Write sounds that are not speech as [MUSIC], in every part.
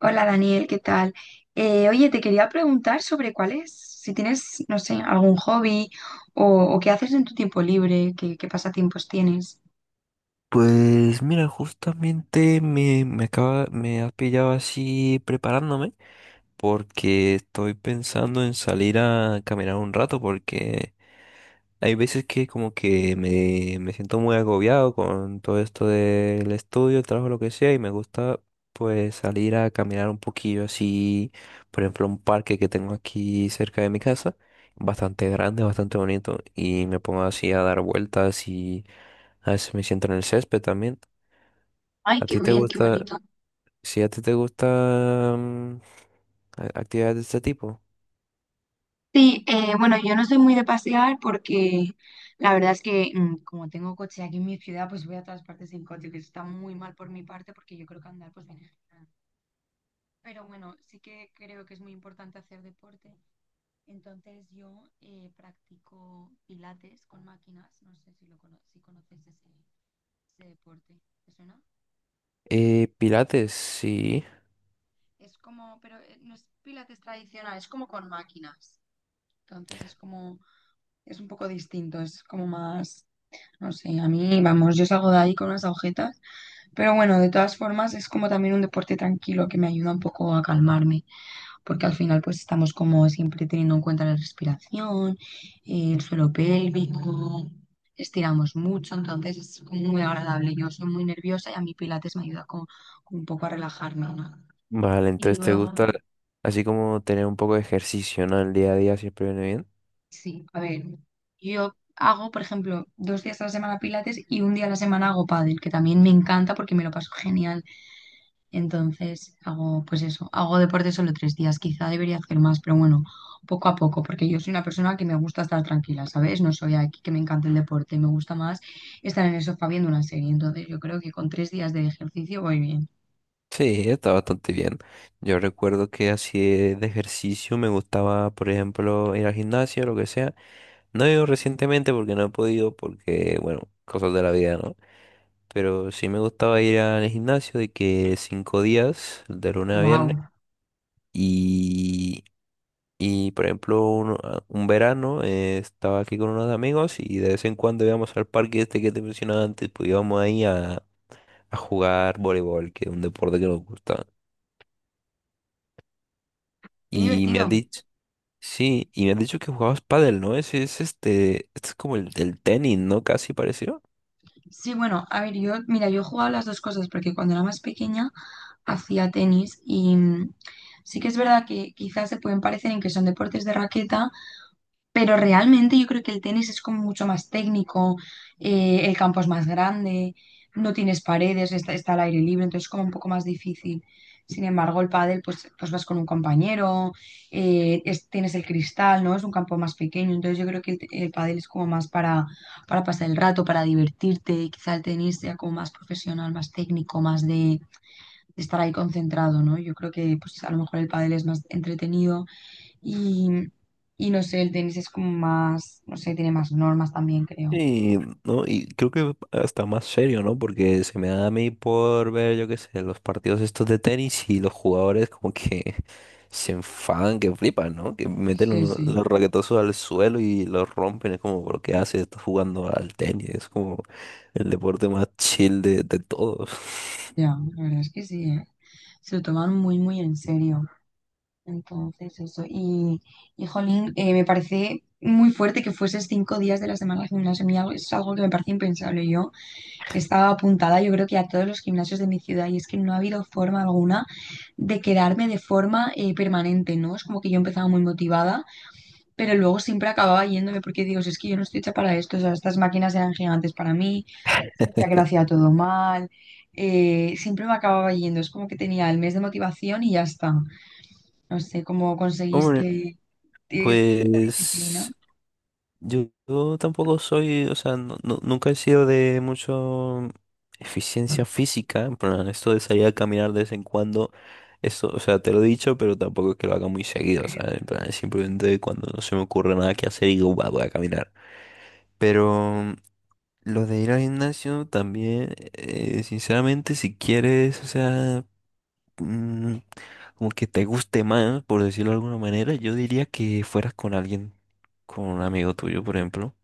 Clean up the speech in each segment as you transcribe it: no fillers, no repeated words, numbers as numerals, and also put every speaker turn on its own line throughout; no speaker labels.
Hola Daniel, ¿qué tal? Oye, te quería preguntar sobre cuál es, si tienes, no sé, algún hobby o, o qué haces en tu tiempo libre, qué pasatiempos tienes.
Pues mira, justamente me ha pillado así preparándome porque estoy pensando en salir a caminar un rato porque hay veces que como que me siento muy agobiado con todo esto del estudio, el trabajo, lo que sea y me gusta pues salir a caminar un poquillo así, por ejemplo, un parque que tengo aquí cerca de mi casa, bastante grande, bastante bonito y me pongo así a dar vueltas y a veces me siento en el césped también.
Ay,
¿A
qué
ti te
bien, qué
gusta,
bonito.
si a ti te gustan actividades de este tipo?
Sí, bueno, yo no soy muy de pasear porque la verdad es que como tengo coche aquí en mi ciudad, pues voy a todas partes en coche, que eso está muy mal por mi parte porque yo creo que andar pues viene genial. Pero bueno, sí que creo que es muy importante hacer deporte. Entonces yo practico pilates con máquinas, no sé si conoces ese, ese deporte, ¿te suena?
Pilates, sí.
Es como, pero no es pilates tradicional, es como con máquinas. Entonces es como, es un poco distinto, es como más, no sé, a mí, vamos, yo salgo de ahí con unas agujetas, pero bueno, de todas formas es como también un deporte tranquilo que me ayuda un poco a calmarme, porque al final pues estamos como siempre teniendo en cuenta la respiración, el suelo pélvico, estiramos mucho, entonces es como muy agradable. Yo soy muy nerviosa y a mí Pilates me ayuda como, como un poco a relajarme, ¿no?
Vale,
Y
entonces te
luego,
gusta así como tener un poco de ejercicio, ¿no? El día a día siempre viene bien.
sí, a ver, yo hago, por ejemplo, dos días a la semana Pilates y un día a la semana hago pádel, que también me encanta porque me lo paso genial. Entonces hago, pues eso, hago deporte solo tres días, quizá debería hacer más, pero bueno, poco a poco, porque yo soy una persona que me gusta estar tranquila, ¿sabes? No soy aquí que me encanta el deporte, me gusta más estar en el sofá viendo una serie, entonces yo creo que con tres días de ejercicio voy bien.
Sí, está bastante bien. Yo recuerdo que así de ejercicio me gustaba, por ejemplo, ir al gimnasio, lo que sea. No he ido recientemente porque no he podido, porque, bueno, cosas de la vida, ¿no? Pero sí me gustaba ir al gimnasio de que cinco días, de lunes a viernes.
¡Wow!
Y por ejemplo, un verano, estaba aquí con unos amigos y de vez en cuando íbamos al parque este que te mencionaba antes, pues íbamos ahí a jugar voleibol, que es un deporte que nos gusta.
¡Qué
Y me han
divertido!
dicho, sí, y me han dicho que jugabas pádel, ¿no? Ese es este, este es como el del tenis, ¿no? Casi pareció.
Sí, bueno, a ver, yo, mira, yo he jugado las dos cosas, porque cuando era más pequeña hacía tenis y sí que es verdad que quizás se pueden parecer en que son deportes de raqueta. Pero realmente yo creo que el tenis es como mucho más técnico, el campo es más grande, no tienes paredes, está, está al aire libre, entonces es como un poco más difícil. Sin embargo, el pádel, pues, pues vas con un compañero, tienes el cristal, ¿no? Es un campo más pequeño, entonces yo creo que el pádel es como más para pasar el rato, para divertirte, y quizá el tenis sea como más profesional, más técnico, más de estar ahí concentrado, ¿no? Yo creo que pues a lo mejor el pádel es más entretenido y, y no sé, el tenis es como más, no sé, tiene más normas también, creo.
Sí, ¿no? Y creo que hasta más serio, ¿no? Porque se me da a mí por ver, yo qué sé, los partidos estos de tenis y los jugadores como que [LAUGHS] se enfadan, que flipan, ¿no? Que meten
Sí, sí,
los raquetazos al suelo y los rompen. Es como, ¿por qué haces? Estás jugando al tenis. Es como el deporte más chill de todos.
ya, la verdad es que sí, eh. Se lo toman muy, muy en serio. Entonces, eso. Y jolín, me parece muy fuerte que fueses cinco días de la semana al gimnasio. A mí es algo que me parece impensable. Yo estaba apuntada, yo creo que a todos los gimnasios de mi ciudad, y es que no ha habido forma alguna de quedarme de forma permanente, ¿no? Es como que yo empezaba muy motivada, pero luego siempre acababa yéndome porque digo, "Si es que yo no estoy hecha para esto, o sea, estas máquinas eran gigantes para mí, sentía que lo hacía todo mal, siempre me acababa yendo, es como que tenía el mes de motivación y ya está. No sé cómo
[LAUGHS] Hombre,
conseguiste tienes esa disciplina.
pues... yo tampoco soy, o sea, nunca he sido de mucho eficiencia física, en plan, esto de salir a caminar de vez en cuando, eso, o sea, te lo he dicho, pero tampoco es que lo haga muy seguido, ¿sabes? En plan, simplemente cuando no se me ocurre nada que hacer y digo, "Buah, voy a caminar". Pero lo de ir al gimnasio también, sinceramente, si quieres, o sea, mm, como que te guste más, por decirlo de alguna manera, yo diría que fueras con alguien, con un amigo tuyo, por ejemplo.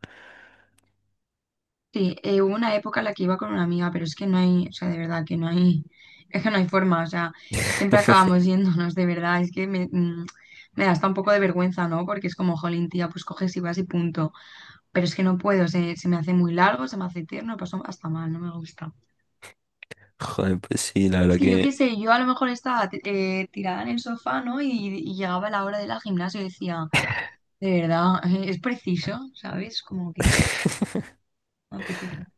Sí, hubo una época en la que iba con una amiga, pero es que no hay, o sea, de verdad que no hay, es que no hay forma, o sea, siempre
[LAUGHS]
acabamos yéndonos, de verdad, es que me, mm, me da hasta un poco de vergüenza, ¿no? Porque es como, jolín, tía, pues coges y vas y punto. Pero es que no puedo, se me hace muy largo, se me hace eterno, paso hasta mal, no me gusta.
Joder, pues sí, la
Es
verdad
que yo qué
que...
sé, yo a lo mejor estaba tirada en el sofá, ¿no? Y llegaba la hora de la gimnasia y decía, de verdad, [LAUGHS] es preciso, ¿sabes? Como que
[LAUGHS]
me apetece.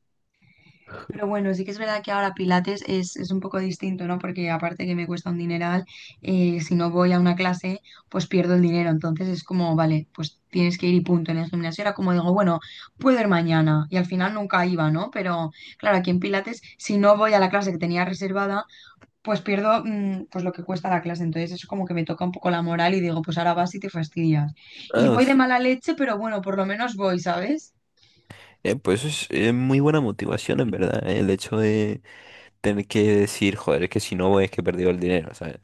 Pero bueno, sí que es verdad que ahora Pilates es un poco distinto, ¿no? Porque aparte que me cuesta un dineral, si no voy a una clase, pues pierdo el dinero. Entonces es como, vale, pues tienes que ir y punto. En el gimnasio era como digo, bueno, puedo ir mañana. Y al final nunca iba, ¿no? Pero claro, aquí en Pilates, si no voy a la clase que tenía reservada, pues lo que cuesta la clase. Entonces eso como que me toca un poco la moral y digo, pues ahora vas y te fastidias. Y voy de
Vamos,
mala leche, pero bueno, por lo menos voy, ¿sabes?
pues es muy buena motivación en verdad, el hecho de tener que decir, joder, es que si no voy es que he perdido el dinero, ¿sabes?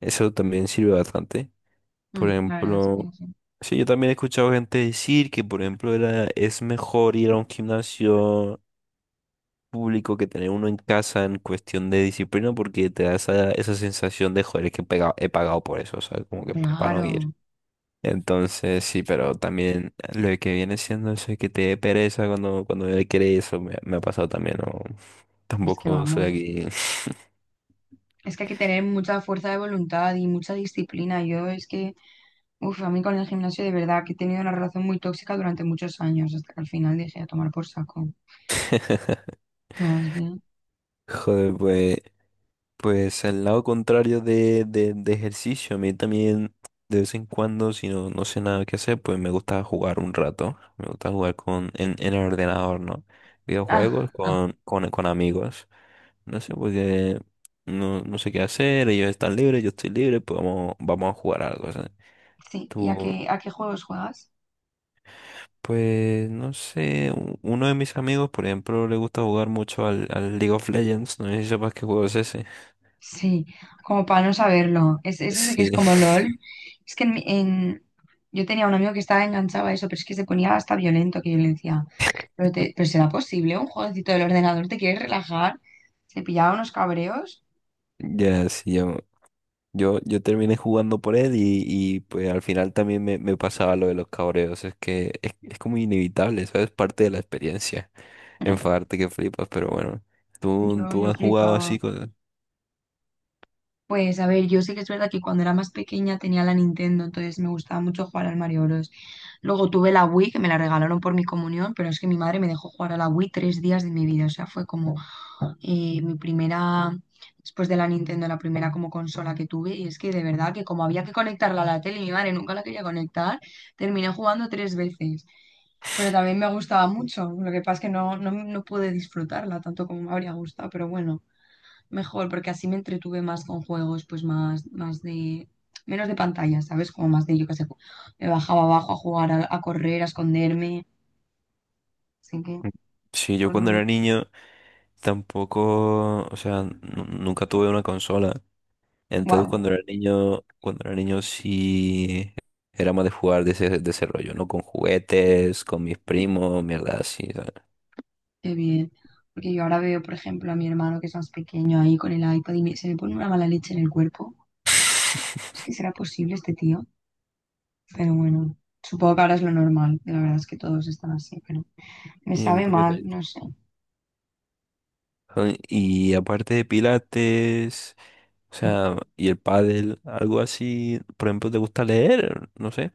Eso también sirve bastante. Por
Mm, la verdad es
ejemplo,
que sí.
sí, yo también he escuchado gente decir que, por ejemplo, era, es mejor ir a un gimnasio público que tener uno en casa en cuestión de disciplina porque te da esa, esa sensación de, joder, es que he pagado por eso, ¿sabes? Como que para no ir.
Claro.
Entonces, sí, pero también lo que viene siendo eso de que te dé pereza cuando, cuando él quiere eso, me ha pasado también, ¿no?
Es que
Tampoco soy
vamos.
aquí. [LAUGHS]
Es que hay que tener mucha fuerza de voluntad y mucha disciplina. Yo es que, uff, a mí con el gimnasio de verdad que he tenido una relación muy tóxica durante muchos años, hasta que al final dije a tomar por saco. No, es que...
Joder, pues, pues el lado contrario de ejercicio, a mí también de vez en cuando, si no, no sé nada que hacer, pues me gusta jugar un rato. Me gusta jugar en el ordenador, ¿no?
Ah,
Videojuegos
ah,
con amigos. No sé, porque no, no sé qué hacer, ellos están libres, yo estoy libre, pues vamos, vamos a jugar algo, ¿sabes?
sí. ¿Y a qué juegos juegas?
Pues no sé, uno de mis amigos, por ejemplo, le gusta jugar mucho al League of Legends, no sé si sepas qué juego es ese.
Sí, como para no saberlo. Es ese que
Sí,
es como LOL. Es que yo tenía un amigo que estaba enganchado a eso, pero es que se ponía hasta violento, que yo le decía,
[LAUGHS]
pero, pero será posible un jueguecito del ordenador, ¿te quieres relajar? Se pillaba unos cabreos.
ya, sí, yo terminé jugando por él y, pues al final también me pasaba lo de los cabreos, es que es como inevitable, ¿sabes? Parte de la experiencia,
[LAUGHS]
enfadarte que flipas, pero bueno,
Yo,
tú
yo
has jugado
flipaba.
así con...
Pues a ver, yo sí que es verdad que cuando era más pequeña tenía la Nintendo, entonces me gustaba mucho jugar al Mario Bros. Luego tuve la Wii, que me la regalaron por mi comunión, pero es que mi madre me dejó jugar a la Wii tres días de mi vida. O sea, fue como mi primera, después de la Nintendo, la primera como consola que tuve. Y es que de verdad que como había que conectarla a la tele y mi madre nunca la quería conectar, terminé jugando tres veces. Pero también me gustaba mucho. Lo que pasa es que no pude disfrutarla tanto como me habría gustado, pero bueno, mejor, porque así me entretuve más con juegos, pues más, más de, menos de pantalla, ¿sabes? Como más de, yo qué sé, me bajaba abajo a jugar, a correr, a esconderme, así que,
Sí, yo cuando era niño tampoco, o sea, nunca tuve una consola. Entonces
wow,
cuando era niño sí era más de jugar de ese rollo, ¿no? Con juguetes, con mis primos, mierda así, ¿sabes?
qué bien. Porque yo ahora veo, por ejemplo, a mi hermano que es más pequeño ahí con el iPad y se me pone una mala leche en el cuerpo. Es que será
[LAUGHS]
posible este tío, pero bueno, supongo que ahora es lo normal. La verdad es que todos están así, pero me
Sí, un
sabe
poquito
mal,
de...
no sé.
Ay, y aparte de pilates, o sea, y el pádel, algo así, por ejemplo, ¿te gusta leer? No sé,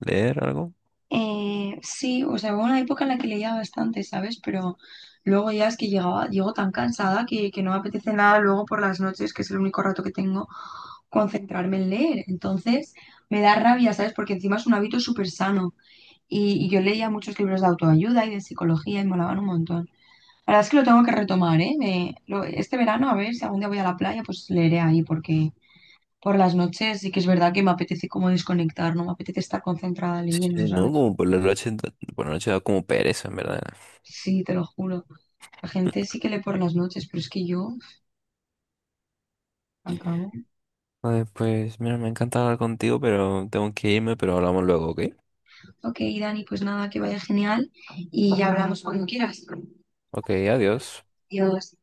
leer algo.
Sí, o sea, hubo una época en la que leía bastante, ¿sabes? Pero luego ya es que llego tan cansada que no me apetece nada luego por las noches, que es el único rato que tengo, concentrarme en leer. Entonces me da rabia, ¿sabes? Porque encima es un hábito súper sano. Y yo leía muchos libros de autoayuda y de psicología y molaban un montón. La verdad es que lo tengo que retomar, ¿eh? Este verano, a ver si algún día voy a la playa, pues leeré ahí, porque por las noches sí que es verdad que me apetece como desconectar, no me apetece estar concentrada leyendo,
Sí, no,
¿sabes?
como por la noche, por la noche da como pereza, en verdad.
Sí, te lo juro. La gente sí que lee por las noches, pero es que yo, al cabo.
Vale, pues mira, me encanta hablar contigo, pero tengo que irme, pero hablamos luego, ¿ok?
Ok, Dani, pues nada, que vaya genial y ya hablamos cuando quieras.
Ok, adiós.
Adiós.